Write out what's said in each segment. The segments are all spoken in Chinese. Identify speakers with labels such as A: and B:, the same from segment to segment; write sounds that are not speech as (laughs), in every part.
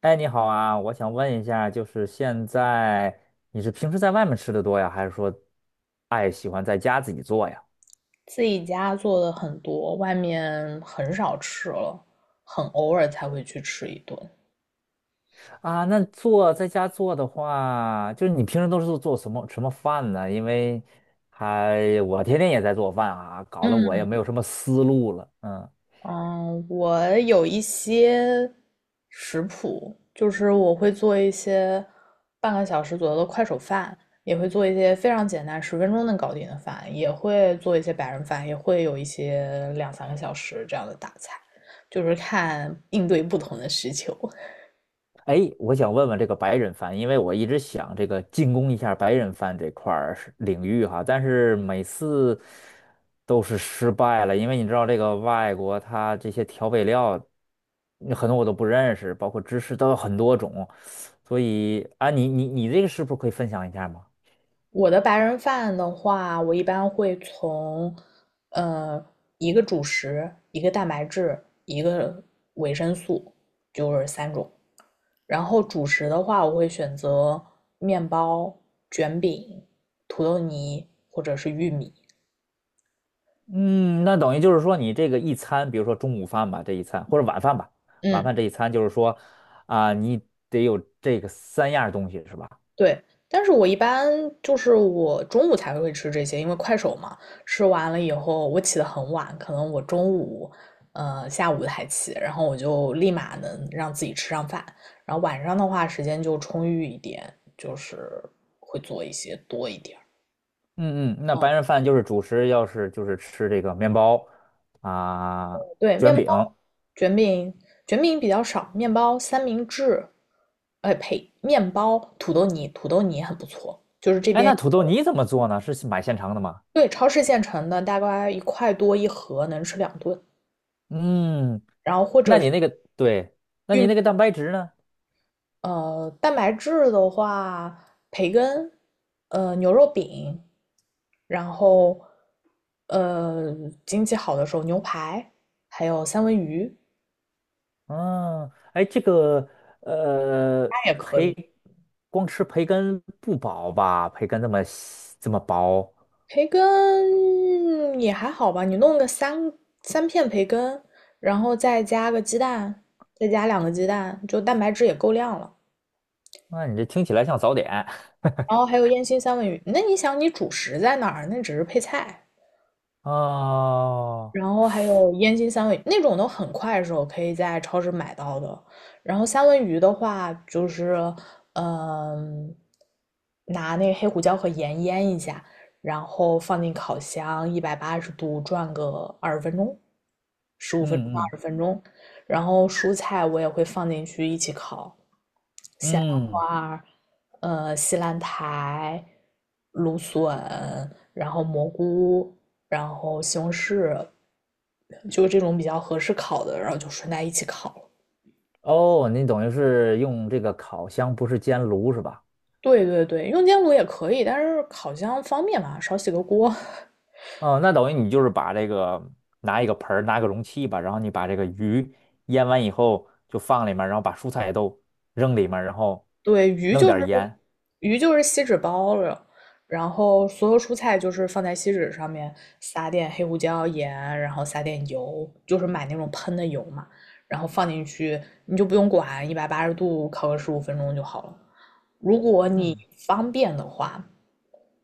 A: 哎，你好啊，我想问一下，就是现在你是平时在外面吃的多呀，还是说喜欢在家自己做呀？
B: 自己家做的很多，外面很少吃了，很偶尔才会去吃一顿。
A: 啊，那在家做的话，就是你平时都是做做什么什么饭呢？因为我天天也在做饭啊，搞得我也
B: 嗯
A: 没有什么思路了。嗯，
B: 嗯，我有一些食谱，就是我会做一些半个小时左右的快手饭，也会做一些非常简单，十分钟能搞定的饭，也会做一些白人饭，也会有一些两三个小时这样的大菜，就是看应对不同的需求。
A: 哎，我想问问这个白人饭，因为我一直想这个进攻一下白人饭这块儿是领域哈，但是每次都是失败了，因为你知道这个外国它这些调味料，很多我都不认识，包括芝士都有很多种，所以啊，你这个是不是可以分享一下吗？
B: 我的白人饭的话，我一般会从，呃，一个主食、一个蛋白质、一个维生素，就是三种。然后主食的话，我会选择面包、卷饼、土豆泥或者是玉米。
A: 嗯，那等于就是说你这个一餐，比如说中午饭吧，这一餐或者晚饭吧，晚
B: 嗯，
A: 饭这一餐就是说啊，你得有这个三样东西是吧？
B: 对，但是我一般就是我中午才会吃这些，因为快手嘛，吃完了以后我起得很晚，可能我中午，下午才起，然后我就立马能让自己吃上饭，然后晚上的话时间就充裕一点，就是会做一些多一点儿。
A: 嗯，那白人饭就是主食，要是就是吃这个面包啊、
B: 对，面
A: 卷饼。
B: 包、卷饼、卷饼比较少，面包、三明治，哎呸，面包、土豆泥，土豆泥也很不错。
A: 哎，那土豆你怎么做呢？是买现成的吗？
B: 对，超市现成的，大概一块多一盒，能吃两顿。
A: 嗯，
B: 然后或者
A: 那
B: 是
A: 你那个对，那你
B: 玉
A: 那个蛋白质呢？
B: 蛋白质的话，培根，牛肉饼，然后呃，经济好的时候牛排，还有三文鱼，
A: 嗯，哎，这个呃，
B: 它也可以。
A: 培光吃培根不饱吧？培根这么细这么薄，
B: 培根也还好吧，你弄个三片培根，然后再加个鸡蛋，再加两个鸡蛋，就蛋白质也够量了。
A: 那你这听起来像早点。
B: 然后还
A: (laughs)
B: 有烟熏三文鱼，那你想你主食在哪儿？那只是配菜。
A: 哦，
B: 然后还有烟熏三文鱼那种都很快手，可以在超市买到的。然后三文鱼的话，就是嗯，拿那个黑胡椒和盐腌一下，然后放进烤箱一百八十度转个二十分钟，十五分钟到
A: 嗯嗯
B: 二十分钟。然后蔬菜我也会放进去一起烤，
A: 嗯。
B: 花西兰苔、芦笋，然后蘑菇，然后西红柿，就这种比较合适烤的，然后就顺带一起烤了。
A: 哦，你等于是用这个烤箱，不是煎炉是吧？
B: 对对对，用煎炉也可以，但是烤箱方便嘛，少洗个锅。(laughs)
A: 哦，那等于你就是把这个拿一个盆儿，拿个容器吧，然后你把这个鱼腌完以后就放里面，然后把蔬菜都扔里面，然后
B: 对，鱼
A: 弄
B: 就
A: 点
B: 是
A: 儿盐。
B: 鱼就是锡纸包了，然后所有蔬菜就是放在锡纸上面撒点黑胡椒、盐，然后撒点油，就是买那种喷的油嘛，然后放进去，你就不用管，一百八十度烤个十五分钟就好了。如果你
A: 嗯
B: 方便的话，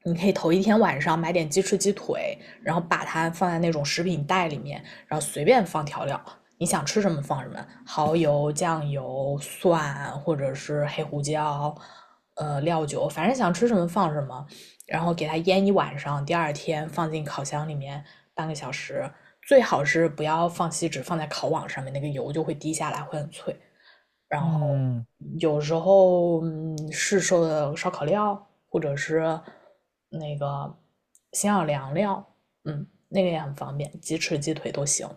B: 你可以头一天晚上买点鸡翅、鸡腿，然后把它放在那种食品袋里面，然后随便放调料，你想吃什么放什么，蚝油、酱油、蒜或者是黑胡椒，料酒，反正想吃什么放什么，然后给它腌一晚上，第二天放进烤箱里面半个小时，最好是不要放锡纸，放在烤网上面，那个油就会滴下来，会很脆。然后
A: 嗯，
B: 有时候市售的烧烤料，或者是那个鲜小凉料，嗯，那个也很方便，鸡翅、鸡腿都行。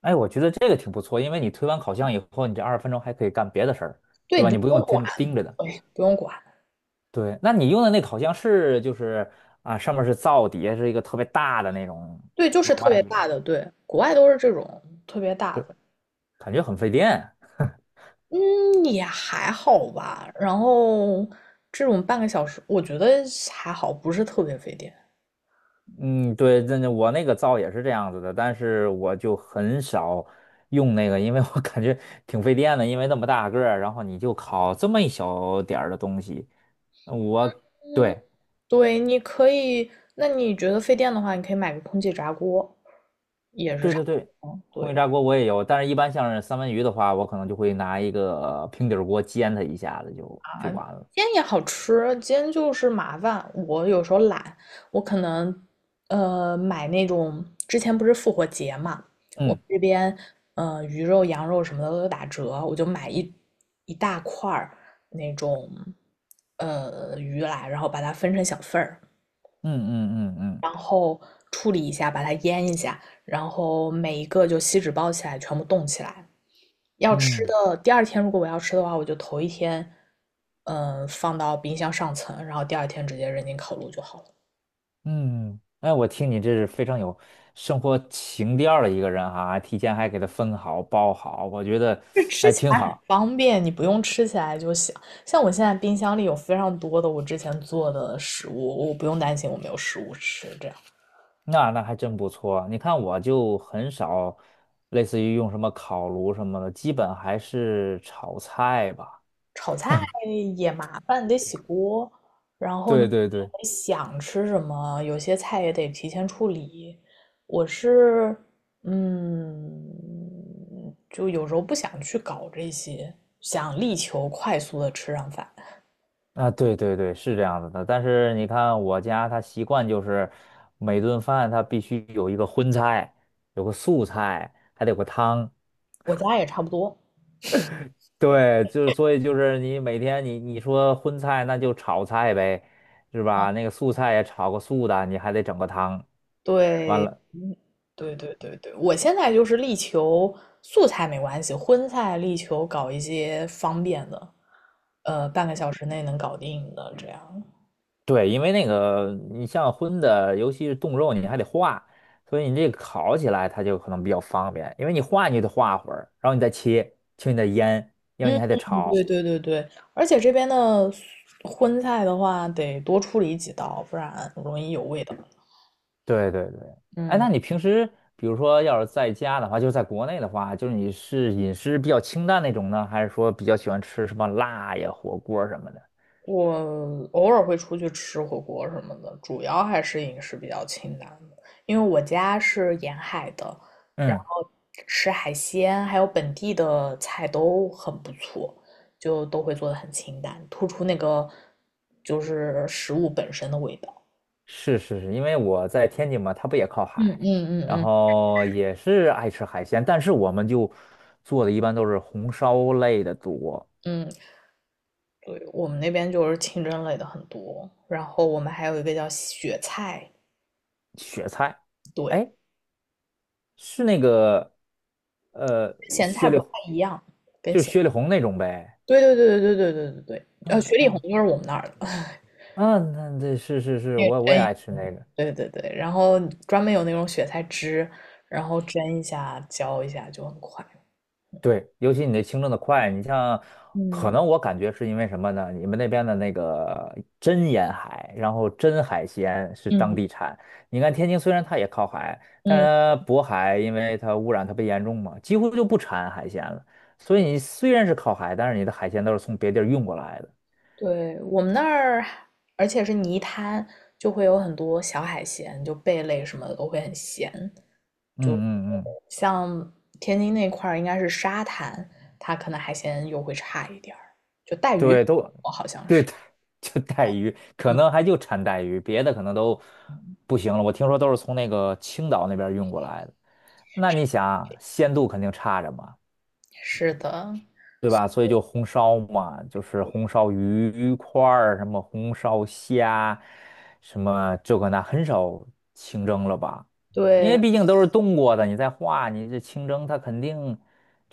A: 哎，我觉得这个挺不错，因为你推完烤箱以后，你这20分钟还可以干别的事儿，
B: 对，
A: 对
B: 你
A: 吧？
B: 就
A: 你不
B: 不用
A: 用
B: 管，
A: 天盯着的。
B: 对，不用管，
A: 对，那你用的那烤箱是就是啊，上面是灶，底下是一个特别大的那种
B: 对，就是
A: 往
B: 特
A: 外
B: 别
A: 一，
B: 大的，对，国外都是这种特别大的，
A: 感觉很费电啊。
B: 嗯，也还好吧。然后这种半个小时，我觉得还好，不是特别费电。
A: 嗯，对，那我那个灶也是这样子的，但是我就很少用那个，因为我感觉挺费电的，因为那么大个儿，然后你就烤这么一小点儿的东西，呃我对
B: 对，你可以，那你觉得费电的话，你可以买个空气炸锅。
A: 对对对，
B: 嗯，
A: 空气
B: 对，
A: 炸锅我也有，但是一般像是三文鱼的话，我可能就会拿一个平底儿锅煎它一下子就完了。
B: 煎也好吃，煎就是麻烦。我有时候懒，我可能买那种之前不是复活节嘛，我
A: 嗯
B: 们这边鱼肉、羊肉什么的都打折，我就买一大块儿那种鱼来，然后把它分成小份儿，
A: 嗯嗯嗯嗯嗯。
B: 然后处理一下，把它腌一下，然后每一个就锡纸包起来，全部冻起来，要吃
A: 嗯
B: 的，第二天如果我要吃的话，我就头一天，放到冰箱上层，然后第二天直接扔进烤炉就好了。
A: 嗯，哎，我听你这是非常有生活情调儿的一个人哈，提前还给他分好包好，我觉得
B: 这吃
A: 哎
B: 起
A: 挺
B: 来很
A: 好，
B: 方便，你不用吃起来就行。像我现在冰箱里有非常多的我之前做的食物，我不用担心我没有食物吃，这样。
A: 那还真不错。你看我就很少，类似于用什么烤炉什么的，基本还是炒菜吧。
B: 炒菜也麻烦，得洗锅，然后你
A: 对对对，
B: 得想吃什么，有些菜也得提前处理。我是，嗯，就有时候不想去搞这些，想力求快速的吃上饭。
A: 啊对对对，是这样子的。但是你看我家他习惯就是每顿饭他必须有一个荤菜，有个素菜，还得有个汤。
B: 我家也差不多。
A: 对，就是所以就是你每天你说荤菜那就炒菜呗，是吧？那个素菜也炒个素的，你还得整个汤。完
B: 对，
A: 了，
B: 对，对，对，对，我现在就是力求素菜没关系，荤菜力求搞一些方便的，半个小时内能搞定的这样。
A: 对，因为那个你像荤的，尤其是冻肉，你还得化，所以你这个烤起来它就可能比较方便，因为你化你就得化会儿，然后你再切，切你再腌，要不你
B: 嗯，
A: 还得炒。
B: 对对对对，而且这边的荤菜的话，得多处理几道，不然容易有味道。
A: 对对对，哎，
B: 嗯，
A: 那你平时比如说要是在家的话，就是在国内的话，就是你是饮食比较清淡那种呢，还是说比较喜欢吃什么辣呀、火锅什么的？
B: 我偶尔会出去吃火锅什么的，主要还是饮食比较清淡的，因为我家是沿海的，然
A: 嗯，
B: 后吃海鲜还有本地的菜都很不错，就都会做的很清淡，突出那个就是食物本身的味道。
A: 是是是，因为我在天津嘛，它不也靠
B: 嗯
A: 海，
B: 嗯嗯
A: 然
B: 嗯
A: 后也是爱吃海鲜，但是我们就做的一般都是红烧类的多，
B: 嗯。对，我们那边就是清蒸类的很多，然后我们还有一个叫雪菜，
A: 雪菜，
B: 对，
A: 哎，是那个呃
B: 咸菜
A: 雪
B: 不
A: 里
B: 太
A: 红
B: 一样。
A: 就是雪里红那种呗。
B: 对对对对对对对对对，
A: 嗯
B: 雪里红
A: 嗯
B: 就是我们那儿的那个。
A: 嗯，那这是是
B: (laughs)
A: 是，
B: 蒸
A: 我也
B: 一
A: 爱吃那个。
B: 对对对，然后专门有那种雪菜汁，然后蒸一下、浇一下就很快。
A: 对，尤其你那清蒸的快，你像，
B: 嗯
A: 可能我感觉是因为什么呢？你们那边的那个真沿海，然后真海鲜是当
B: 嗯
A: 地产。你看天津虽然它也靠海，但是
B: 嗯。
A: 它渤海因为它污染特别严重嘛，几乎就不产海鲜了。所以你虽然是靠海，但是你的海鲜都是从别地儿运过来的。
B: 对，我们那儿，而且是泥滩，就会有很多小海鲜，就贝类什么的都会很咸。
A: 嗯
B: 就
A: 嗯嗯
B: 像天津那块儿，应该是沙滩，它可能海鲜又会差一点儿。就带鱼，
A: 对，都
B: 我好像
A: 对，
B: 是，
A: (laughs) 就带鱼，可
B: 嗯，
A: 能还就产带鱼，别的可能都不行了。我听说都是从那个青岛那边运过来的，那你想鲜度肯定差着嘛，
B: 是的，
A: 对吧？所以就红烧嘛，就是红烧鱼块儿，什么红烧虾，什么这个那，很少清蒸了吧？因
B: 对
A: 为毕竟都是冻过的，你再化，你这清蒸它肯定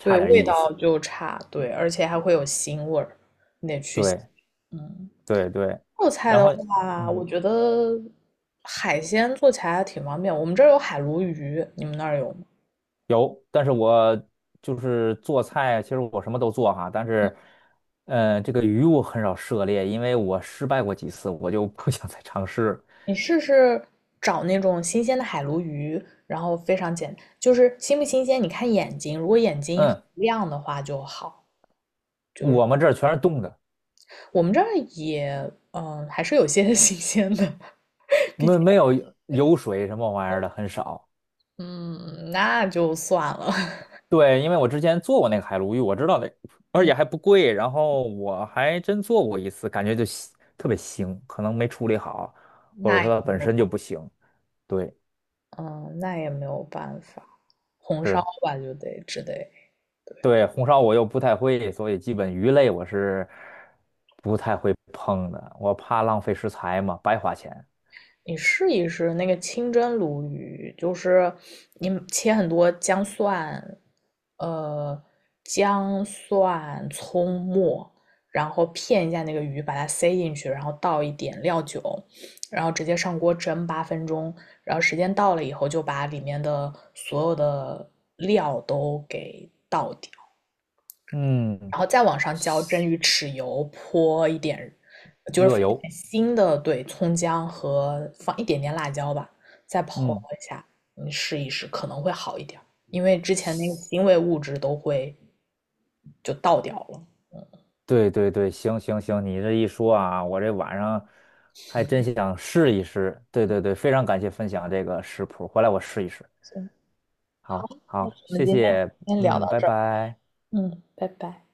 B: 对，
A: 点
B: 味
A: 意思。
B: 道就差，对，而且还会有腥味儿。
A: 对
B: 嗯，
A: 对对，
B: 做菜
A: 然
B: 的
A: 后
B: 话，我
A: 嗯。
B: 觉得海鲜做起来还挺方便。我们这儿有海鲈鱼，你们那儿有吗？
A: 有，但是我就是做菜，其实我什么都做哈，但是，这个鱼我很少涉猎，因为我失败过几次，我就不想再尝试。
B: 你试试找那种新鲜的海鲈鱼，然后非常简，就是新不新鲜，你看眼睛，如果眼睛很
A: 嗯，
B: 亮的话就好。
A: 我们这儿全是冻的，
B: 我们这儿也,还是有些 (laughs) 新鲜的，毕竟，
A: 没有油水什么玩意儿的，很少。
B: 嗯，那就算了。(laughs)
A: 对，因为我之前做过那个海鲈鱼，我知道的，而
B: 嗯，
A: 且还不贵，然后我还真做过一次，感觉就腥特别腥，可能没处理好，或者
B: 那
A: 说
B: 也
A: 它
B: 没
A: 本身
B: 有，
A: 就不行。对，
B: 嗯，那也没有办法，红烧
A: 是。
B: 吧，就得只得。
A: 对，红烧我又不太会，所以基本鱼类我是不太会碰的，我怕浪费食材嘛，白花钱。
B: 你试一试那个清蒸鲈鱼，就是你切很多姜蒜，呃，姜蒜、葱末，然后片一下那个鱼，把它塞进去，然后倒一点料酒，然后直接上锅蒸8分钟，然后时间到了以后，就把里面的所有的料都给倒掉，
A: 嗯，
B: 然后再往上浇蒸
A: 西
B: 鱼豉油，泼一点，就是放
A: 热
B: 一
A: 油，
B: 点新的，对，葱姜和放一点点辣椒吧，再泼
A: 嗯，
B: 一下，你试一试可能会好一点儿，因为之前那个
A: 西
B: 腥味物质都会就倒掉了。
A: 对对对，行行行，你这一说啊，我这晚上还真想试一试。对对对，非常感谢分享这个食谱，回来我试一试。
B: 行，好，
A: 好，
B: 那
A: 好，
B: 我们
A: 谢
B: 今天
A: 谢，
B: 先聊
A: 嗯，
B: 到
A: 拜
B: 这儿，
A: 拜。
B: 嗯，拜拜。